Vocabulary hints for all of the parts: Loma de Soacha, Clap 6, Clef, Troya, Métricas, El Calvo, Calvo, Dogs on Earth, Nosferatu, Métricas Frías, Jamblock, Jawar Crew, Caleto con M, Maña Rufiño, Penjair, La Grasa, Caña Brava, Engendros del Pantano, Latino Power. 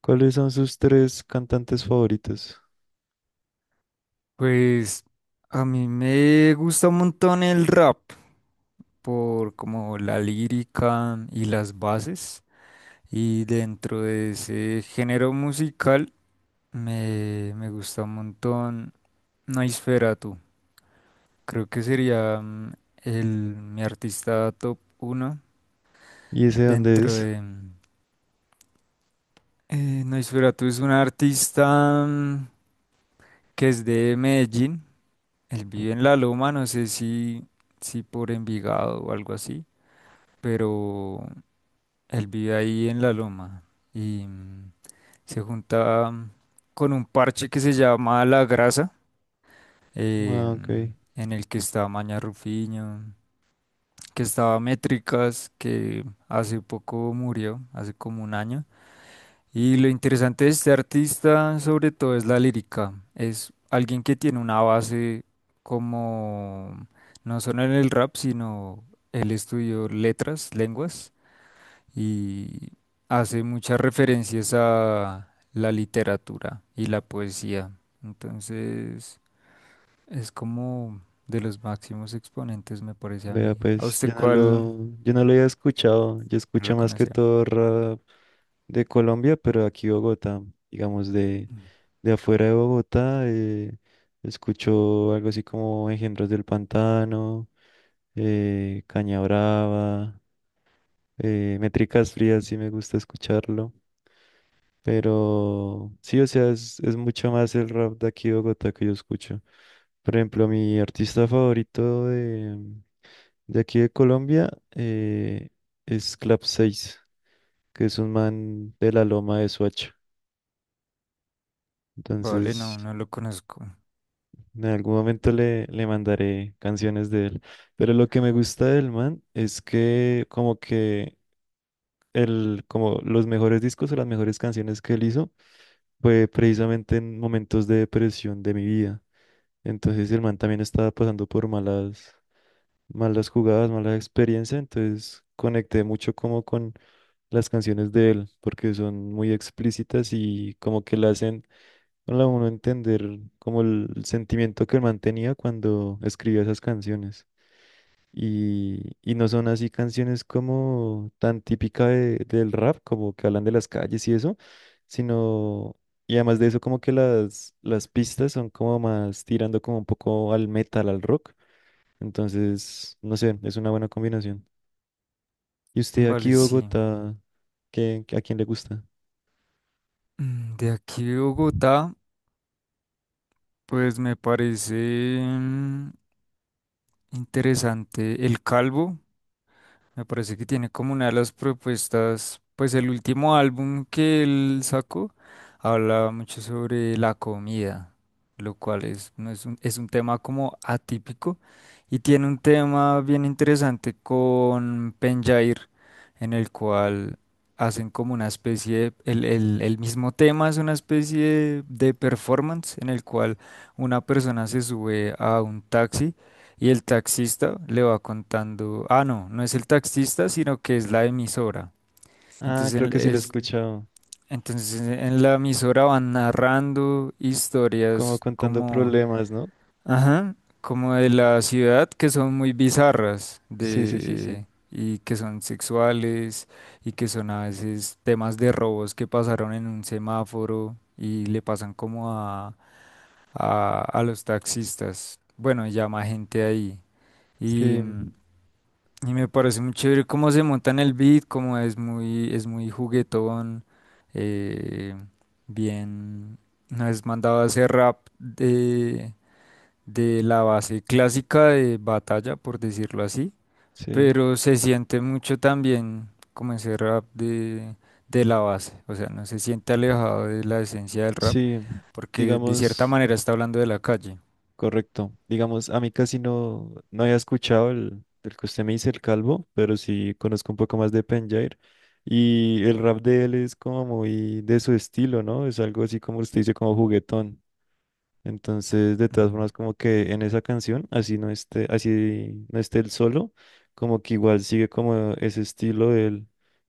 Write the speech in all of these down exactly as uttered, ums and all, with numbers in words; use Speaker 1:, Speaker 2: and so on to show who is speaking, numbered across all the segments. Speaker 1: ¿Cuáles son sus tres cantantes favoritos?
Speaker 2: Pues a mí me gusta un montón el rap por como la lírica y las bases. Y dentro de ese género musical me, me gusta un montón Nosferatu. Creo que sería mm, el, mi artista top uno
Speaker 1: ¿Y ese dónde
Speaker 2: dentro
Speaker 1: es?
Speaker 2: de... mm, Eh, Nosferatu es un artista mm, que es de Medellín. Él vive en La Loma, no sé si, si por Envigado o algo así, pero él vive ahí en la loma y mm, se junta mm, con un parche que se llama La Grasa, eh,
Speaker 1: Ah, ok.
Speaker 2: mm, en el que está Maña Rufiño, que estaba Métricas, que hace poco murió, hace como un año. Y lo interesante de este artista sobre todo es la lírica, es alguien que tiene una base como, no solo en el rap, sino él estudió letras, lenguas, y hace muchas referencias a la literatura y la poesía. Entonces, es como de los máximos exponentes, me parece a
Speaker 1: Vea,
Speaker 2: mí. ¿A
Speaker 1: pues, yo
Speaker 2: usted
Speaker 1: no
Speaker 2: cuál
Speaker 1: lo, yo no lo había escuchado. Yo
Speaker 2: no lo
Speaker 1: escucho más que
Speaker 2: conocía?
Speaker 1: todo rap de Colombia, pero aquí Bogotá, digamos, de,
Speaker 2: Mm.
Speaker 1: de afuera de Bogotá, eh, escucho algo así como Engendros del Pantano, eh, Caña Brava, eh, Métricas Frías, sí me gusta escucharlo. Pero sí, o sea, es, es mucho más el rap de aquí de Bogotá que yo escucho. Por ejemplo, mi artista favorito de, de aquí de Colombia, eh, es Clap seis, que es un man de la Loma de Soacha.
Speaker 2: Vale,
Speaker 1: Entonces,
Speaker 2: no, no lo conozco.
Speaker 1: en algún momento le, le mandaré canciones de él. Pero lo que me gusta del man es que como que el, como los mejores discos o las mejores canciones que él hizo fue precisamente en momentos de depresión de mi vida. Entonces el man también estaba pasando por malas, malas jugadas, malas experiencias. Entonces conecté mucho como con las canciones de él, porque son muy explícitas y como que le hacen a uno entender como el sentimiento que el man tenía cuando escribía esas canciones. Y, y no son así canciones como tan típica de- del rap, como que hablan de las calles y eso, sino, y además de eso, como que las, las pistas son como más tirando como un poco al metal, al rock. Entonces, no sé, es una buena combinación. ¿Y usted
Speaker 2: Vale,
Speaker 1: aquí,
Speaker 2: sí.
Speaker 1: Bogotá, qué, a quién le gusta?
Speaker 2: Mm, De aquí de Bogotá, pues me parece mm, interesante El Calvo. Me parece que tiene como una de las propuestas, pues el último álbum que él sacó habla mucho sobre la comida, lo cual es, no es un, es un tema como atípico, y tiene un tema bien interesante con Penjair, en el cual hacen como una especie de, el, el- el mismo tema es una especie de de performance en el cual una persona se sube a un taxi y el taxista le va contando, ah, no, no es el taxista, sino que es la emisora.
Speaker 1: Ah,
Speaker 2: Entonces,
Speaker 1: creo
Speaker 2: en,
Speaker 1: que sí lo he
Speaker 2: es,
Speaker 1: escuchado,
Speaker 2: entonces en la emisora van narrando
Speaker 1: como
Speaker 2: historias
Speaker 1: contando
Speaker 2: como,
Speaker 1: problemas, ¿no?
Speaker 2: ajá, como de la ciudad, que son muy bizarras,
Speaker 1: Sí, sí, sí, sí.
Speaker 2: de, y que son sexuales, y que son a veces temas de robos que pasaron en un semáforo y le pasan como a, a, a los taxistas. Bueno, llama gente ahí, y
Speaker 1: Sí,
Speaker 2: mm, Y me parece muy chévere cómo se monta en el beat, cómo es muy, es muy juguetón, eh, bien, una vez mandaba ese rap de, de la base clásica de batalla, por decirlo así,
Speaker 1: sí,
Speaker 2: pero se siente mucho también como ese rap de, de la base, o sea, no se siente alejado de la esencia del rap,
Speaker 1: sí.
Speaker 2: porque de cierta
Speaker 1: Digamos.
Speaker 2: manera está hablando de la calle.
Speaker 1: Correcto. Digamos, a mí casi no, no había escuchado el, del que usted me dice, el Calvo, pero sí conozco un poco más de Penjair. Y el rap de él es como muy de su estilo, ¿no? Es algo así como usted dice, como juguetón. Entonces, de todas
Speaker 2: Ujú.
Speaker 1: formas, como que en esa canción, así no esté, así no esté él solo, como que igual sigue como ese estilo de él,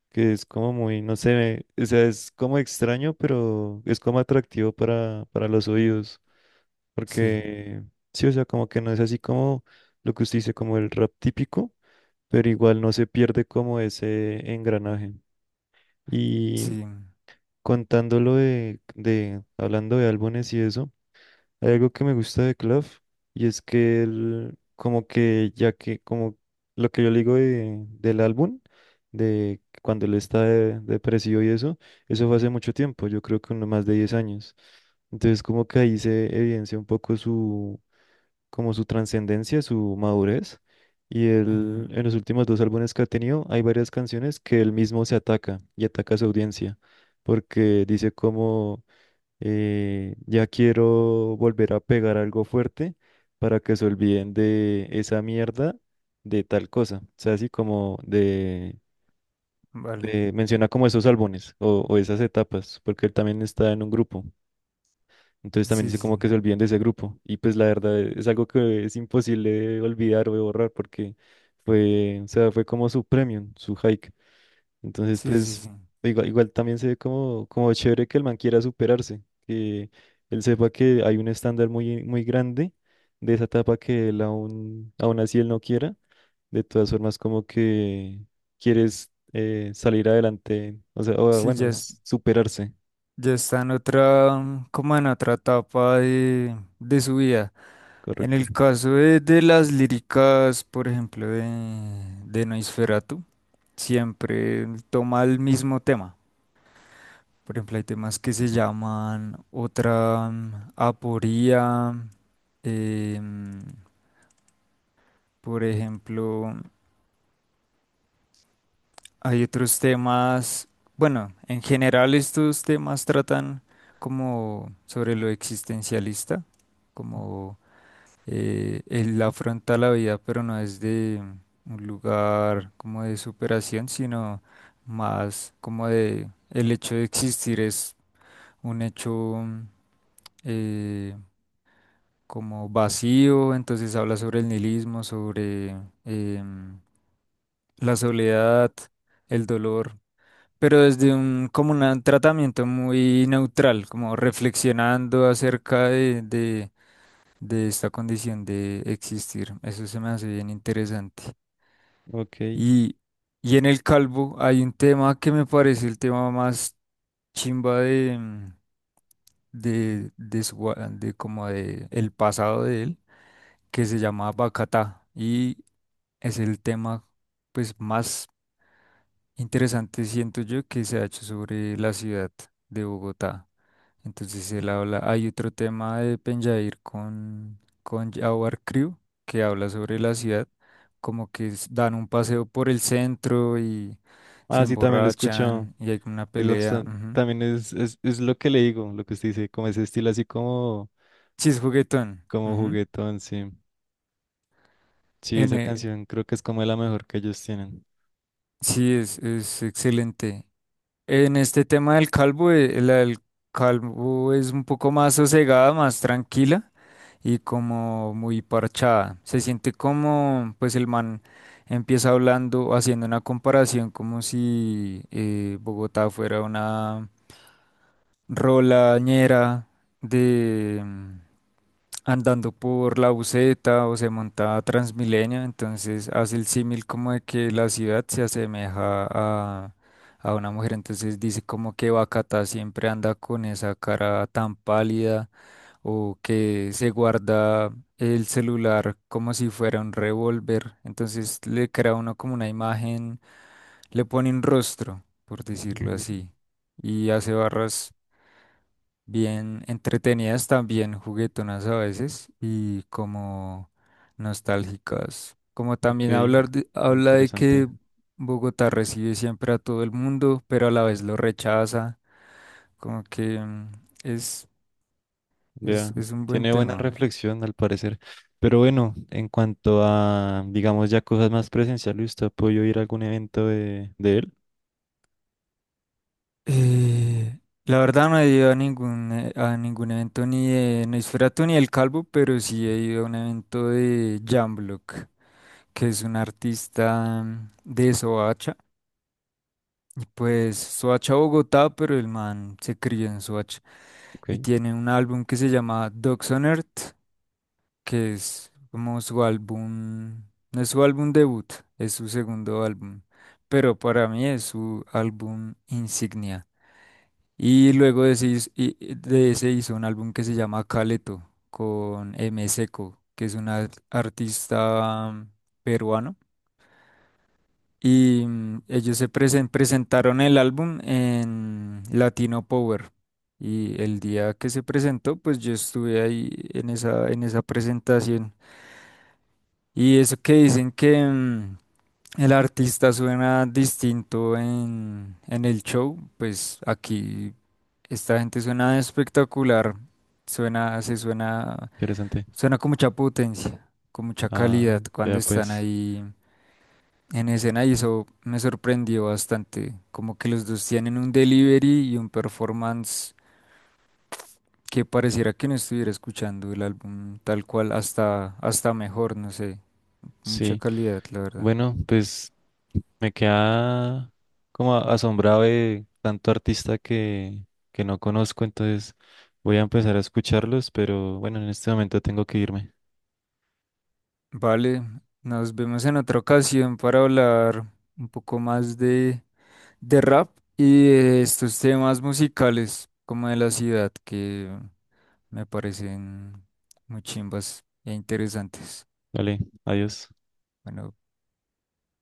Speaker 1: que es como muy, no sé, o sea, es como extraño, pero es como atractivo para, para los oídos.
Speaker 2: Sí,
Speaker 1: Porque sí, o sea, como que no es así como lo que usted dice, como el rap típico, pero igual no se pierde como ese engranaje. Y
Speaker 2: sí,
Speaker 1: contándolo de, de, hablando de álbumes y eso, hay algo que me gusta de Clef y es que él, como que ya que, como lo que yo le digo de- del álbum, de cuando él está de- depresivo y eso, eso fue hace mucho tiempo, yo creo que uno más de diez años. Entonces como que ahí se evidencia un poco su como su trascendencia, su madurez. Y
Speaker 2: ujú,
Speaker 1: él, en los últimos dos álbumes que ha tenido, hay varias canciones que él mismo se ataca y ataca a su audiencia, porque dice como, eh, ya quiero volver a pegar algo fuerte para que se olviden de esa mierda, de tal cosa. O sea, así como de,
Speaker 2: vale,
Speaker 1: de- menciona como esos álbumes o, o esas etapas, porque él también está en un grupo. Entonces también
Speaker 2: sí,
Speaker 1: dice como que
Speaker 2: sí.
Speaker 1: se olviden de ese grupo. Y pues la verdad es algo que es imposible de olvidar o de borrar porque fue, o sea, fue como su premium, su hike. Entonces
Speaker 2: Sí, sí,
Speaker 1: pues
Speaker 2: sí.
Speaker 1: igual, igual también se ve como, como chévere que el man quiera superarse, que él sepa que hay un estándar muy, muy grande de esa etapa que él aún, aún así él no quiera. De todas formas como que quieres eh, salir adelante, o sea, o,
Speaker 2: Sí, ya,
Speaker 1: bueno,
Speaker 2: es-
Speaker 1: s- superarse,
Speaker 2: ya está en otra, como en otra etapa de, de su vida. En
Speaker 1: correcto.
Speaker 2: el caso de, de las líricas, por ejemplo, de, de Noisferatu, siempre toma el mismo tema. Por ejemplo, hay temas que se llaman otra mm, aporía, em, por ejemplo. Hay otros temas, bueno, en general estos temas tratan como sobre lo existencialista, como eh, él afronta la vida, pero no es de un lugar como de superación, sino más como de el hecho de existir es un hecho eh, como vacío, entonces habla sobre el nihilismo, sobre em, la soledad, el dolor, pero desde un, como un tratamiento muy neutral, como reflexionando acerca de, de, de esta condición de existir. Eso se me hace bien interesante.
Speaker 1: Ok.
Speaker 2: Y, y en el Calvo hay un tema que me parece el tema más chimba de, mm, de, de, su gua- de como de el pasado de él, que se llama Bacatá. Y es el tema pues más interesante, siento yo, que se ha hecho sobre la ciudad de Bogotá. Entonces si él habla, hay otro tema de Penjair con, con Jawar Crew que habla sobre la ciudad, como que s- dan un paseo por el centro y se
Speaker 1: Ah, sí, también lo he escuchado.
Speaker 2: emborrachan y hay como una
Speaker 1: Es
Speaker 2: pelea.
Speaker 1: bastante,
Speaker 2: Ujú.
Speaker 1: también es, es, es lo que le digo, lo que usted dice, como ese estilo así como,
Speaker 2: Sí, es juguetón.
Speaker 1: como
Speaker 2: Ujú.
Speaker 1: juguetón, sí. Sí,
Speaker 2: En,
Speaker 1: esa Sí.
Speaker 2: eh,
Speaker 1: canción creo que es como la mejor que ellos tienen.
Speaker 2: sí, es, es excelente. En este tema del calvo, eh, la del calvo es un poco más sosegada, más tranquila, y como muy parchada. Se siente como, pues el man empieza hablando, haciendo una comparación como si eh, Bogotá fuera una rolañera de mm, andando por la buseta o se monta a Transmilenio, entonces hace el símil como de que la ciudad se asemeja a a una mujer, entonces dice como que Bacatá siempre anda con esa cara tan pálida o que se guarda el celular como si fuera un revólver. Entonces le crea uno como una imagen, le pone un rostro, por decirlo
Speaker 1: Ujú.
Speaker 2: así, y hace barras bien entretenidas también, juguetonas a veces y como nostálgicas. Como
Speaker 1: Ok,
Speaker 2: también hablar de- habla de
Speaker 1: interesante.
Speaker 2: que Bogotá recibe siempre a todo el mundo, pero a la vez lo rechaza. Como que mm, es, es,
Speaker 1: Vea,
Speaker 2: es un buen
Speaker 1: tiene buena
Speaker 2: tema.
Speaker 1: reflexión al parecer. Pero bueno, en cuanto a, digamos, ya cosas más presenciales, ¿usted apoyó ir a algún evento de, de él?
Speaker 2: Eh, la verdad no he ido a ningún, eh, a ningún evento ni de Noisferatu ni del Calvo, pero sí he ido a un evento de Jamblock, que es un artista mm, de Soacha. Y pues Soacha Bogotá, pero el man se crió en Soacha.
Speaker 1: Ok,
Speaker 2: Y tiene un álbum que se llama Dogs on Earth, que es como su álbum, no es su álbum debut, es su segundo álbum, pero para mí es su álbum insignia. Y luego de ese, his- y- de ese hizo un álbum que se llama Caleto con M. Seco, que es un ar- artista mm, peruano. Y mm, ellos se presen- presentaron el álbum en Latino Power. Y el día que se presentó, pues yo estuve ahí en esa, en esa presentación. Y eso que dicen que mm, el artista suena distinto en, en el show, pues aquí. Esta gente suena espectacular. Suena, se suena,
Speaker 1: interesante.
Speaker 2: suena con mucha potencia, con mucha
Speaker 1: Ah,
Speaker 2: calidad cuando
Speaker 1: vea
Speaker 2: están
Speaker 1: pues,
Speaker 2: ahí en escena y eso me sorprendió bastante. Como que los dos tienen un delivery y un performance que pareciera que no estuviera escuchando el álbum tal cual, hasta, hasta mejor, no sé. Mucha
Speaker 1: sí.
Speaker 2: calidad, la verdad.
Speaker 1: Bueno, pues me queda como a- asombrado de tanto artista que, que no conozco, entonces voy a empezar a escucharlos, pero bueno, en este momento tengo que irme.
Speaker 2: Vale, nos vemos en otra ocasión para hablar un poco más de de rap y de estos temas musicales como de la ciudad que me parecen muy chimbas e interesantes.
Speaker 1: Vale, adiós.
Speaker 2: Bueno,